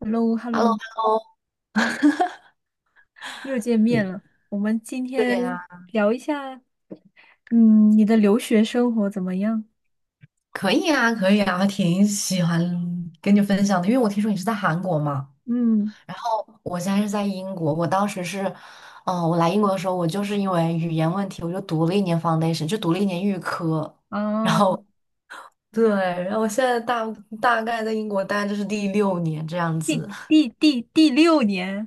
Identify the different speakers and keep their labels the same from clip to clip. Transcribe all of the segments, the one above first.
Speaker 1: h e l l o h e l l o
Speaker 2: Hello，Hello，
Speaker 1: 又见面
Speaker 2: 你
Speaker 1: 了。我们今
Speaker 2: 对
Speaker 1: 天
Speaker 2: 呀、
Speaker 1: 聊一下，你的留学生活怎么样？
Speaker 2: 可以啊，可以啊，还挺喜欢跟你分享的，因为我听说你是在韩国嘛，
Speaker 1: 嗯，
Speaker 2: 然后我现在是在英国，我当时是，嗯、我来英国的时候，我就是因为语言问题，我就读了一年 foundation，就读了1年预科，然
Speaker 1: 啊，
Speaker 2: 后对，然后我现在大概在英国待就是第六年这样
Speaker 1: 第
Speaker 2: 子，
Speaker 1: 第第第六年，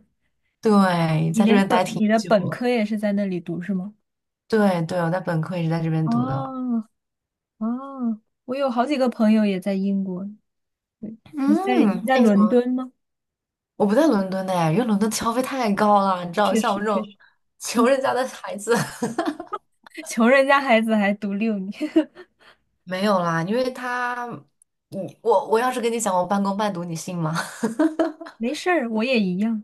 Speaker 2: 对，在这边待挺
Speaker 1: 你的
Speaker 2: 久
Speaker 1: 本
Speaker 2: 了，
Speaker 1: 科也是在那里读是吗？
Speaker 2: 对对，我在本科也是在这边读的，
Speaker 1: 哦哦，我有好几个朋友也在英国。对，你在你
Speaker 2: 嗯，
Speaker 1: 在
Speaker 2: 那你怎
Speaker 1: 伦
Speaker 2: 么？
Speaker 1: 敦吗？
Speaker 2: 我不在伦敦的哎，因为伦敦消费太高了，你知道，
Speaker 1: 确
Speaker 2: 像我
Speaker 1: 实
Speaker 2: 这
Speaker 1: 确
Speaker 2: 种
Speaker 1: 实，
Speaker 2: 穷人家的孩子，
Speaker 1: 穷人家孩子还读六年，
Speaker 2: 没有啦，因为他，我要是跟你讲我半工半读，你信吗？
Speaker 1: 没事儿，我也一样。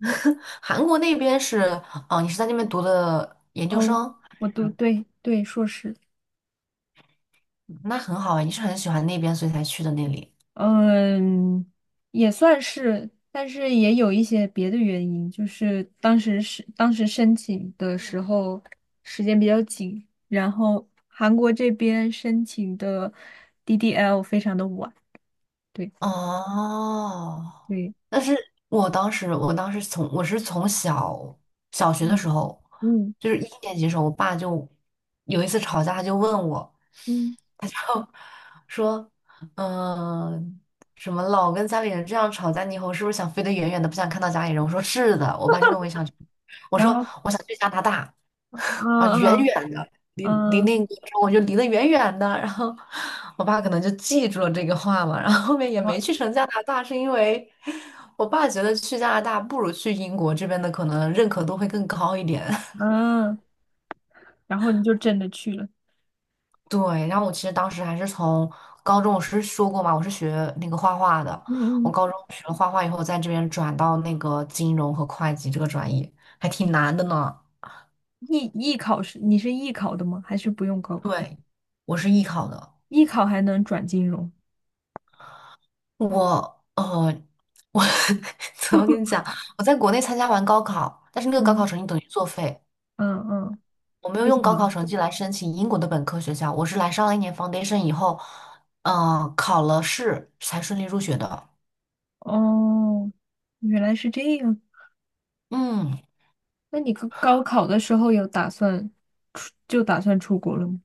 Speaker 2: 韩国那边是，哦，你是在那边读的研究
Speaker 1: 哦，
Speaker 2: 生，还
Speaker 1: 我读，
Speaker 2: 是
Speaker 1: 对对，硕士。
Speaker 2: 嗯那很好啊，你是很喜欢那边所以才去的那里。
Speaker 1: 嗯，也算是，但是也有一些别的原因，就是当时申请的时候时间比较紧，然后韩国这边申请的 DDL 非常的晚，对
Speaker 2: 哦，
Speaker 1: 对，
Speaker 2: 但是我当时我是从小学的时
Speaker 1: 嗯
Speaker 2: 候，
Speaker 1: 嗯
Speaker 2: 就是一年级的时候，我爸就有一次吵架，他就问我。
Speaker 1: 嗯，
Speaker 2: 说，嗯，什么老跟家里人这样吵架，你以后是不是想飞得远远的，不想看到家里人？我说是的，我爸就问我想去，我
Speaker 1: 然
Speaker 2: 说
Speaker 1: 后
Speaker 2: 我想去加拿大，
Speaker 1: 嗯
Speaker 2: 啊，远
Speaker 1: 嗯
Speaker 2: 远的，离
Speaker 1: 嗯
Speaker 2: 那个，我就离得远远的。然后我爸可能就记住了这个话嘛，然后后面也没去成加拿大，是因为我爸觉得去加拿大不如去英国这边的可能认可度会更高一点。
Speaker 1: 嗯，然后你就真的去了，
Speaker 2: 对，然后我其实当时还是从高中，我是说过嘛，我是学那个画画的。
Speaker 1: 嗯
Speaker 2: 我
Speaker 1: 嗯，
Speaker 2: 高中学了画画以后，在这边转到那个金融和会计这个专业，还挺难的呢。
Speaker 1: 艺艺考是你是艺考的吗？还是不用高考？
Speaker 2: 对，我是艺考的。
Speaker 1: 艺考还能转金融？
Speaker 2: 我呃，我 怎么跟你讲？我在国内参加完高考，但是那个高
Speaker 1: 嗯
Speaker 2: 考成绩等于作废，
Speaker 1: 嗯嗯。
Speaker 2: 我没有
Speaker 1: 为什
Speaker 2: 用高考
Speaker 1: 么？
Speaker 2: 成绩来申请英国的本科学校，我是来上了一年 foundation 以后，考了试才顺利入学的。
Speaker 1: 哦，原来是这样。
Speaker 2: 嗯。
Speaker 1: 那你高考的时候有打算出，就打算出国了吗？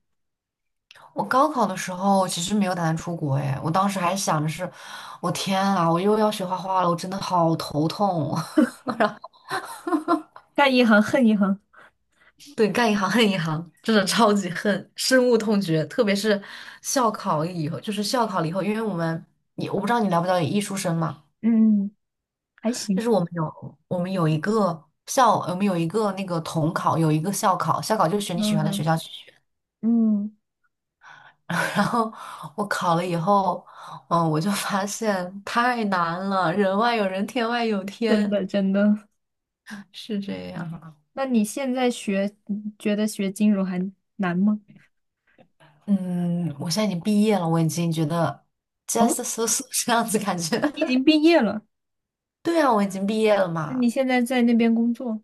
Speaker 2: 我高考的时候，我其实没有打算出国哎，我当时还想着是，我天啊，我又要学画画了，我真的好头痛。
Speaker 1: 干一行恨一行。
Speaker 2: 对，干一行恨一行，真的超级恨，深恶痛绝。特别是校考了以后，因为我们，我不知道你了不了解艺术生嘛，
Speaker 1: 嗯，还
Speaker 2: 就
Speaker 1: 行。
Speaker 2: 是我们有一个那个统考，有一个校考，校考就是选你喜欢的学
Speaker 1: 嗯
Speaker 2: 校去学。
Speaker 1: 嗯，
Speaker 2: 然后我考了以后，我就发现太难了，人外有人，天外有
Speaker 1: 真
Speaker 2: 天。
Speaker 1: 的真的。
Speaker 2: 是这样啊。
Speaker 1: 那你现在学，你觉得学金融还难吗？
Speaker 2: 嗯，我现在已经毕业了，我已经觉得
Speaker 1: 哦，
Speaker 2: just so so 这样子感觉。
Speaker 1: 你已经毕业了，
Speaker 2: 对啊，我已经毕业了
Speaker 1: 那你
Speaker 2: 嘛。
Speaker 1: 现在在那边工作，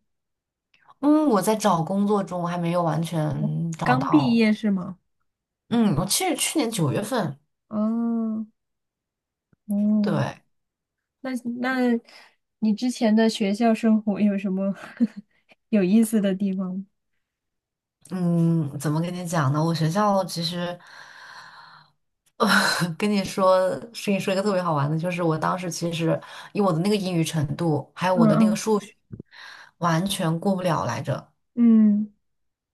Speaker 2: 嗯，我在找工作中，我还没有完全找
Speaker 1: 刚毕
Speaker 2: 到。
Speaker 1: 业是吗？
Speaker 2: 嗯，我其实去年九月份，
Speaker 1: 哦
Speaker 2: 对，
Speaker 1: 哦，那那你之前的学校生活有什么 有意思的地方吗？
Speaker 2: 嗯，怎么跟你讲呢？我学校其实，呃，跟你说，跟你说一个特别好玩的，就是我当时其实以我的那个英语程度，还有
Speaker 1: 嗯
Speaker 2: 我的那个
Speaker 1: 嗯
Speaker 2: 数学，完全过不了来着。
Speaker 1: 嗯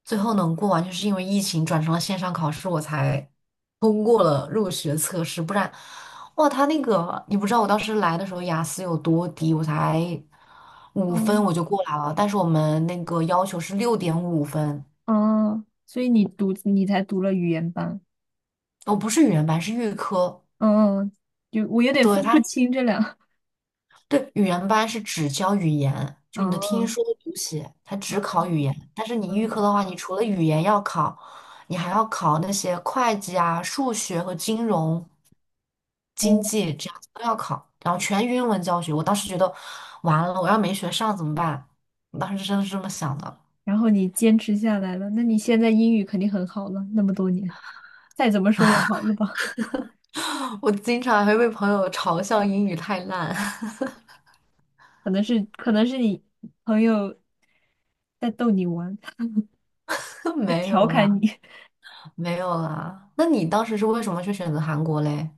Speaker 2: 最后能过完，就是因为疫情转成了线上考试，我才通过了入学测试。不然，哇，他那个你不知道，我当时来的时候雅思有多低，我才五分
Speaker 1: 嗯
Speaker 2: 我就过来了。但是我们那个要求是6.5分，
Speaker 1: 哦，所以你才读了语言班，
Speaker 2: 我不是语言班，是预科。
Speaker 1: 嗯嗯，就我有点
Speaker 2: 对
Speaker 1: 分不
Speaker 2: 他。
Speaker 1: 清这俩
Speaker 2: 对，语言班是只教语言，就你的听
Speaker 1: 哦
Speaker 2: 说读写，它只
Speaker 1: 嗯
Speaker 2: 考语言。但是你预科
Speaker 1: 嗯
Speaker 2: 的话，你除了语言要考，你还要考那些会计啊、数学和金融、
Speaker 1: 哦，
Speaker 2: 经济这样子都要考，然后全英文教学。我当时觉得完了，我要没学上怎么办？我当时真的是这么想的。
Speaker 1: 然后你坚持下来了，那你现在英语肯定很好了，那么多年，再怎么说也好了吧？
Speaker 2: 我经常还会被朋友嘲笑英语太烂，
Speaker 1: 可能是你朋友在逗你玩，在
Speaker 2: 没
Speaker 1: 调
Speaker 2: 有
Speaker 1: 侃
Speaker 2: 啦，
Speaker 1: 你，
Speaker 2: 没有啦。那你当时是为什么去选择韩国嘞？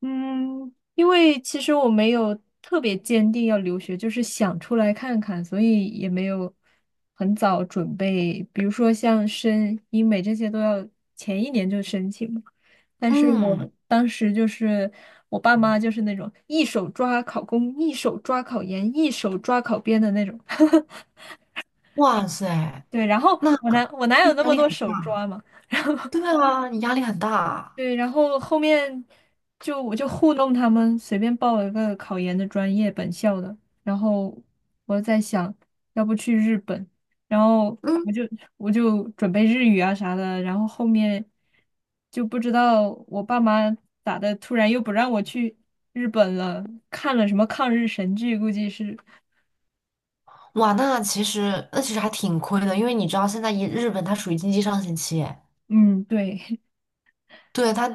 Speaker 1: 嗯，因为其实我没有特别坚定要留学，就是想出来看看，所以也没有很早准备。比如说像申英美这些都要前一年就申请嘛。但是我
Speaker 2: 嗯，
Speaker 1: 当时就是我爸妈就是那种一手抓考公，一手抓考研，一手抓考编的那种。
Speaker 2: 哇塞！
Speaker 1: 对，然后
Speaker 2: 那
Speaker 1: 我哪有那
Speaker 2: 压
Speaker 1: 么
Speaker 2: 力
Speaker 1: 多
Speaker 2: 很，
Speaker 1: 手抓嘛？
Speaker 2: 对啊，你压力很大。
Speaker 1: 对，然后后面就我就糊弄他们，随便报了个考研的专业，本校的。然后我在想，要不去日本，然后我
Speaker 2: 嗯，
Speaker 1: 就我就准备日语啊啥的。然后后面就不知道我爸妈咋的，突然又不让我去日本了，看了什么抗日神剧，估计是，
Speaker 2: 哇，那其实那其实还挺亏的，因为你知道现在一日本它属于经济上行期，
Speaker 1: 嗯，对，
Speaker 2: 对它，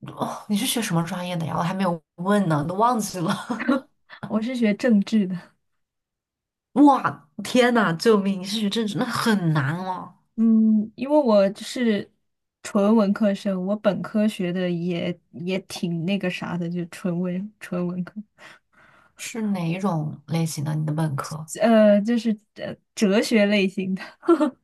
Speaker 2: 哦，你是学什么专业的呀？我还没有问呢，都忘记了。
Speaker 1: 我是学政治的。
Speaker 2: 哇，天呐，救命！你是学政治，那很难哦。
Speaker 1: 嗯，因为我是纯文科生，我本科学的也挺那个啥的，就纯文科，
Speaker 2: 是哪一种类型的？你的本科？
Speaker 1: 就是哲学类型的，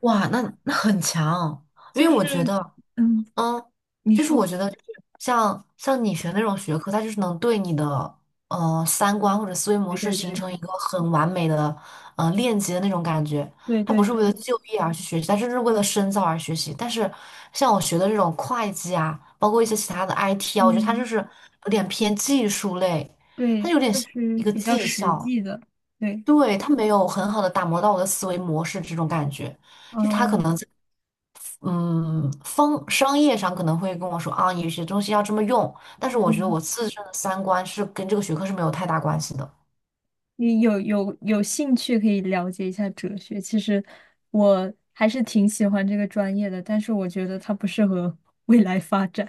Speaker 2: 哇，那很强，因
Speaker 1: 就
Speaker 2: 为我觉
Speaker 1: 是
Speaker 2: 得。
Speaker 1: 嗯，
Speaker 2: 嗯，
Speaker 1: 你
Speaker 2: 就是我
Speaker 1: 说，
Speaker 2: 觉得就是像你学那种学科，它就是能对你的三观或者思维模
Speaker 1: 对
Speaker 2: 式
Speaker 1: 对
Speaker 2: 形
Speaker 1: 对
Speaker 2: 成一个很完美的链接的那种感觉。
Speaker 1: 对
Speaker 2: 它
Speaker 1: 对
Speaker 2: 不是为了
Speaker 1: 对，
Speaker 2: 就业而去学习，它就是为了深造而学习。但是像我学的这种会计啊，包括一些其他的 IT 啊，我觉得它就
Speaker 1: 嗯，
Speaker 2: 是有点偏技术类，它
Speaker 1: 对，
Speaker 2: 有点
Speaker 1: 就
Speaker 2: 像
Speaker 1: 是
Speaker 2: 一个
Speaker 1: 比较
Speaker 2: 技
Speaker 1: 实
Speaker 2: 校，
Speaker 1: 际的，对，
Speaker 2: 对，它没有很好的打磨到我的思维模式这种感觉。就是他可
Speaker 1: 嗯
Speaker 2: 能嗯，方商业上可能会跟我说啊，有些东西要这么用，但是我觉得
Speaker 1: 嗯，
Speaker 2: 我自身的三观是跟这个学科是没有太大关系的。
Speaker 1: 你有兴趣可以了解一下哲学，其实我还是挺喜欢这个专业的，但是我觉得它不适合未来发展。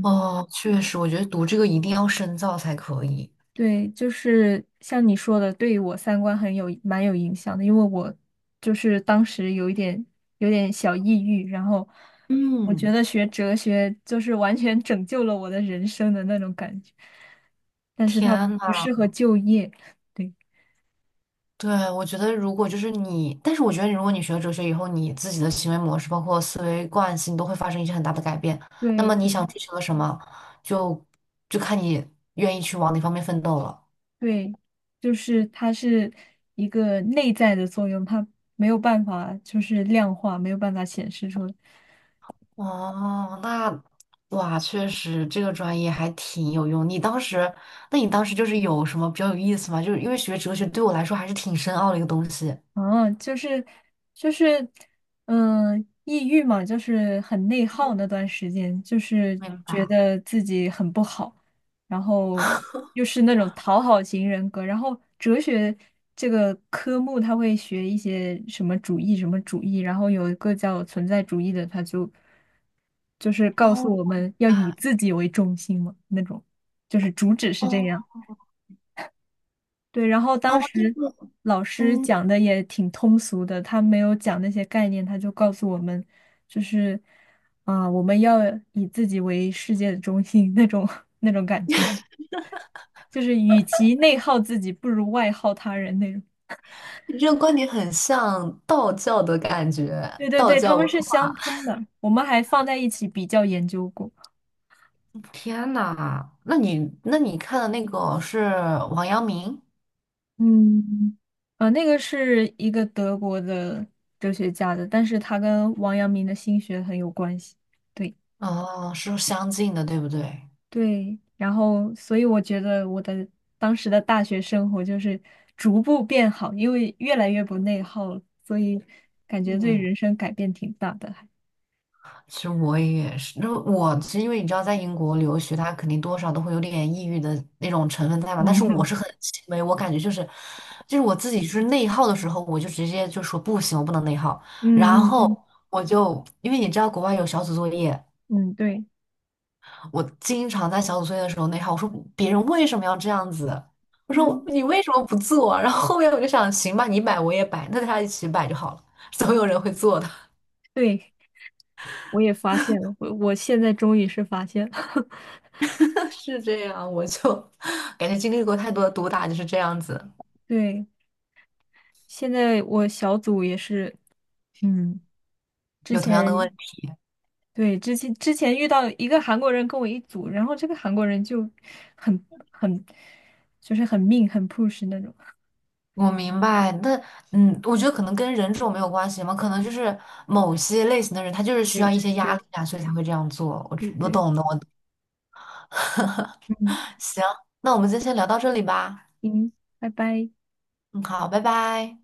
Speaker 2: 哦，确实，我觉得读这个一定要深造才可以。
Speaker 1: 对，就是像你说的，对于我三观蛮有影响的，因为我就是当时有点小抑郁，然后我觉
Speaker 2: 嗯，
Speaker 1: 得学哲学就是完全拯救了我的人生的那种感觉，但是它
Speaker 2: 天
Speaker 1: 不
Speaker 2: 呐，
Speaker 1: 适合就业，对
Speaker 2: 对，我觉得如果就是你，但是我觉得如果你学了哲学以后，你自己的行为模式，包括思维惯性，都会发生一些很大的改变。那
Speaker 1: 对
Speaker 2: 么你想追求的什么，就就看你愿意去往哪方面奋斗了。
Speaker 1: 对，就是它是一个内在的作用，它没有办法就是量化，没有办法显示出来。
Speaker 2: 哦，那哇，确实这个专业还挺有用。你当时，当时就是有什么比较有意思吗？就是因为学哲学对我来说还是挺深奥的一个东西。
Speaker 1: 哦，就是，嗯、抑郁嘛，就是很内耗
Speaker 2: 嗯，
Speaker 1: 那段时间，就是
Speaker 2: 明
Speaker 1: 觉
Speaker 2: 白。
Speaker 1: 得自己很不好，然后又是那种讨好型人格，然后哲学这个科目他会学一些什么主义什么主义，然后有一个叫存在主义的，就是告诉我
Speaker 2: 哦
Speaker 1: 们要以自己为中心嘛，那种就是主旨是这
Speaker 2: 哦
Speaker 1: 样。对，然后当
Speaker 2: 哦，这
Speaker 1: 时
Speaker 2: 个
Speaker 1: 老师
Speaker 2: 嗯，
Speaker 1: 讲的也挺通俗的，他没有讲那些概念，他就告诉我们，就是啊、我们要以自己为世界的中心那种 那种感觉，就是与其内耗自己，不如外耗他人那种。
Speaker 2: 你这个观点很像道教的感觉，
Speaker 1: 对对
Speaker 2: 道
Speaker 1: 对，他
Speaker 2: 教
Speaker 1: 们
Speaker 2: 文
Speaker 1: 是
Speaker 2: 化。
Speaker 1: 相通的，我们还放在一起比较研究过。
Speaker 2: 天呐，那你看的那个是王阳明？
Speaker 1: 嗯，啊，那个是一个德国的哲学家的，但是他跟王阳明的心学很有关系。对。
Speaker 2: 哦，是相近的，对不对？
Speaker 1: 对，然后所以我觉得我的当时的大学生活就是逐步变好，因为越来越不内耗了，所以感觉对
Speaker 2: 嗯。
Speaker 1: 人生改变挺大的还。
Speaker 2: 其实我也是，那我是因为你知道，在英国留学，他肯定多少都会有点抑郁的那种成分在嘛。但是我
Speaker 1: 嗯
Speaker 2: 是很轻微，我感觉就是，就是我自己就是内耗的时候，我就直接就说不行，我不能内耗。
Speaker 1: 嗯
Speaker 2: 然
Speaker 1: 嗯嗯
Speaker 2: 后我就因为你知道国外有小组作业，
Speaker 1: 嗯，对，
Speaker 2: 我经常在小组作业的时候内耗，我说别人为什么要这样子？我说
Speaker 1: 嗯，
Speaker 2: 你为什么不做？然后后面我就想，行吧，你摆我也摆，那大家一起摆就好了，总有人会做的。
Speaker 1: 对，我也发现了，我现在终于是发现了，
Speaker 2: 是这样，我就 感觉经历过太多的毒打，就是这样子，
Speaker 1: 对，现在我小组也是，嗯，之
Speaker 2: 有同
Speaker 1: 前。
Speaker 2: 样的问题。
Speaker 1: 对，之前遇到一个韩国人跟我一组，然后这个韩国人就很很就是很命很 push 那种。
Speaker 2: 我明白，那嗯，我觉得可能跟人种没有关系嘛，可能就是某些类型的人，他就是需
Speaker 1: 对
Speaker 2: 要一些
Speaker 1: 对
Speaker 2: 压力
Speaker 1: 对
Speaker 2: 啊，所以才会这样做。我
Speaker 1: 对
Speaker 2: 我
Speaker 1: 对，
Speaker 2: 懂的，
Speaker 1: 嗯，
Speaker 2: 行，那我们今天先聊到这里吧。
Speaker 1: 行，拜拜。
Speaker 2: 嗯，好，拜拜。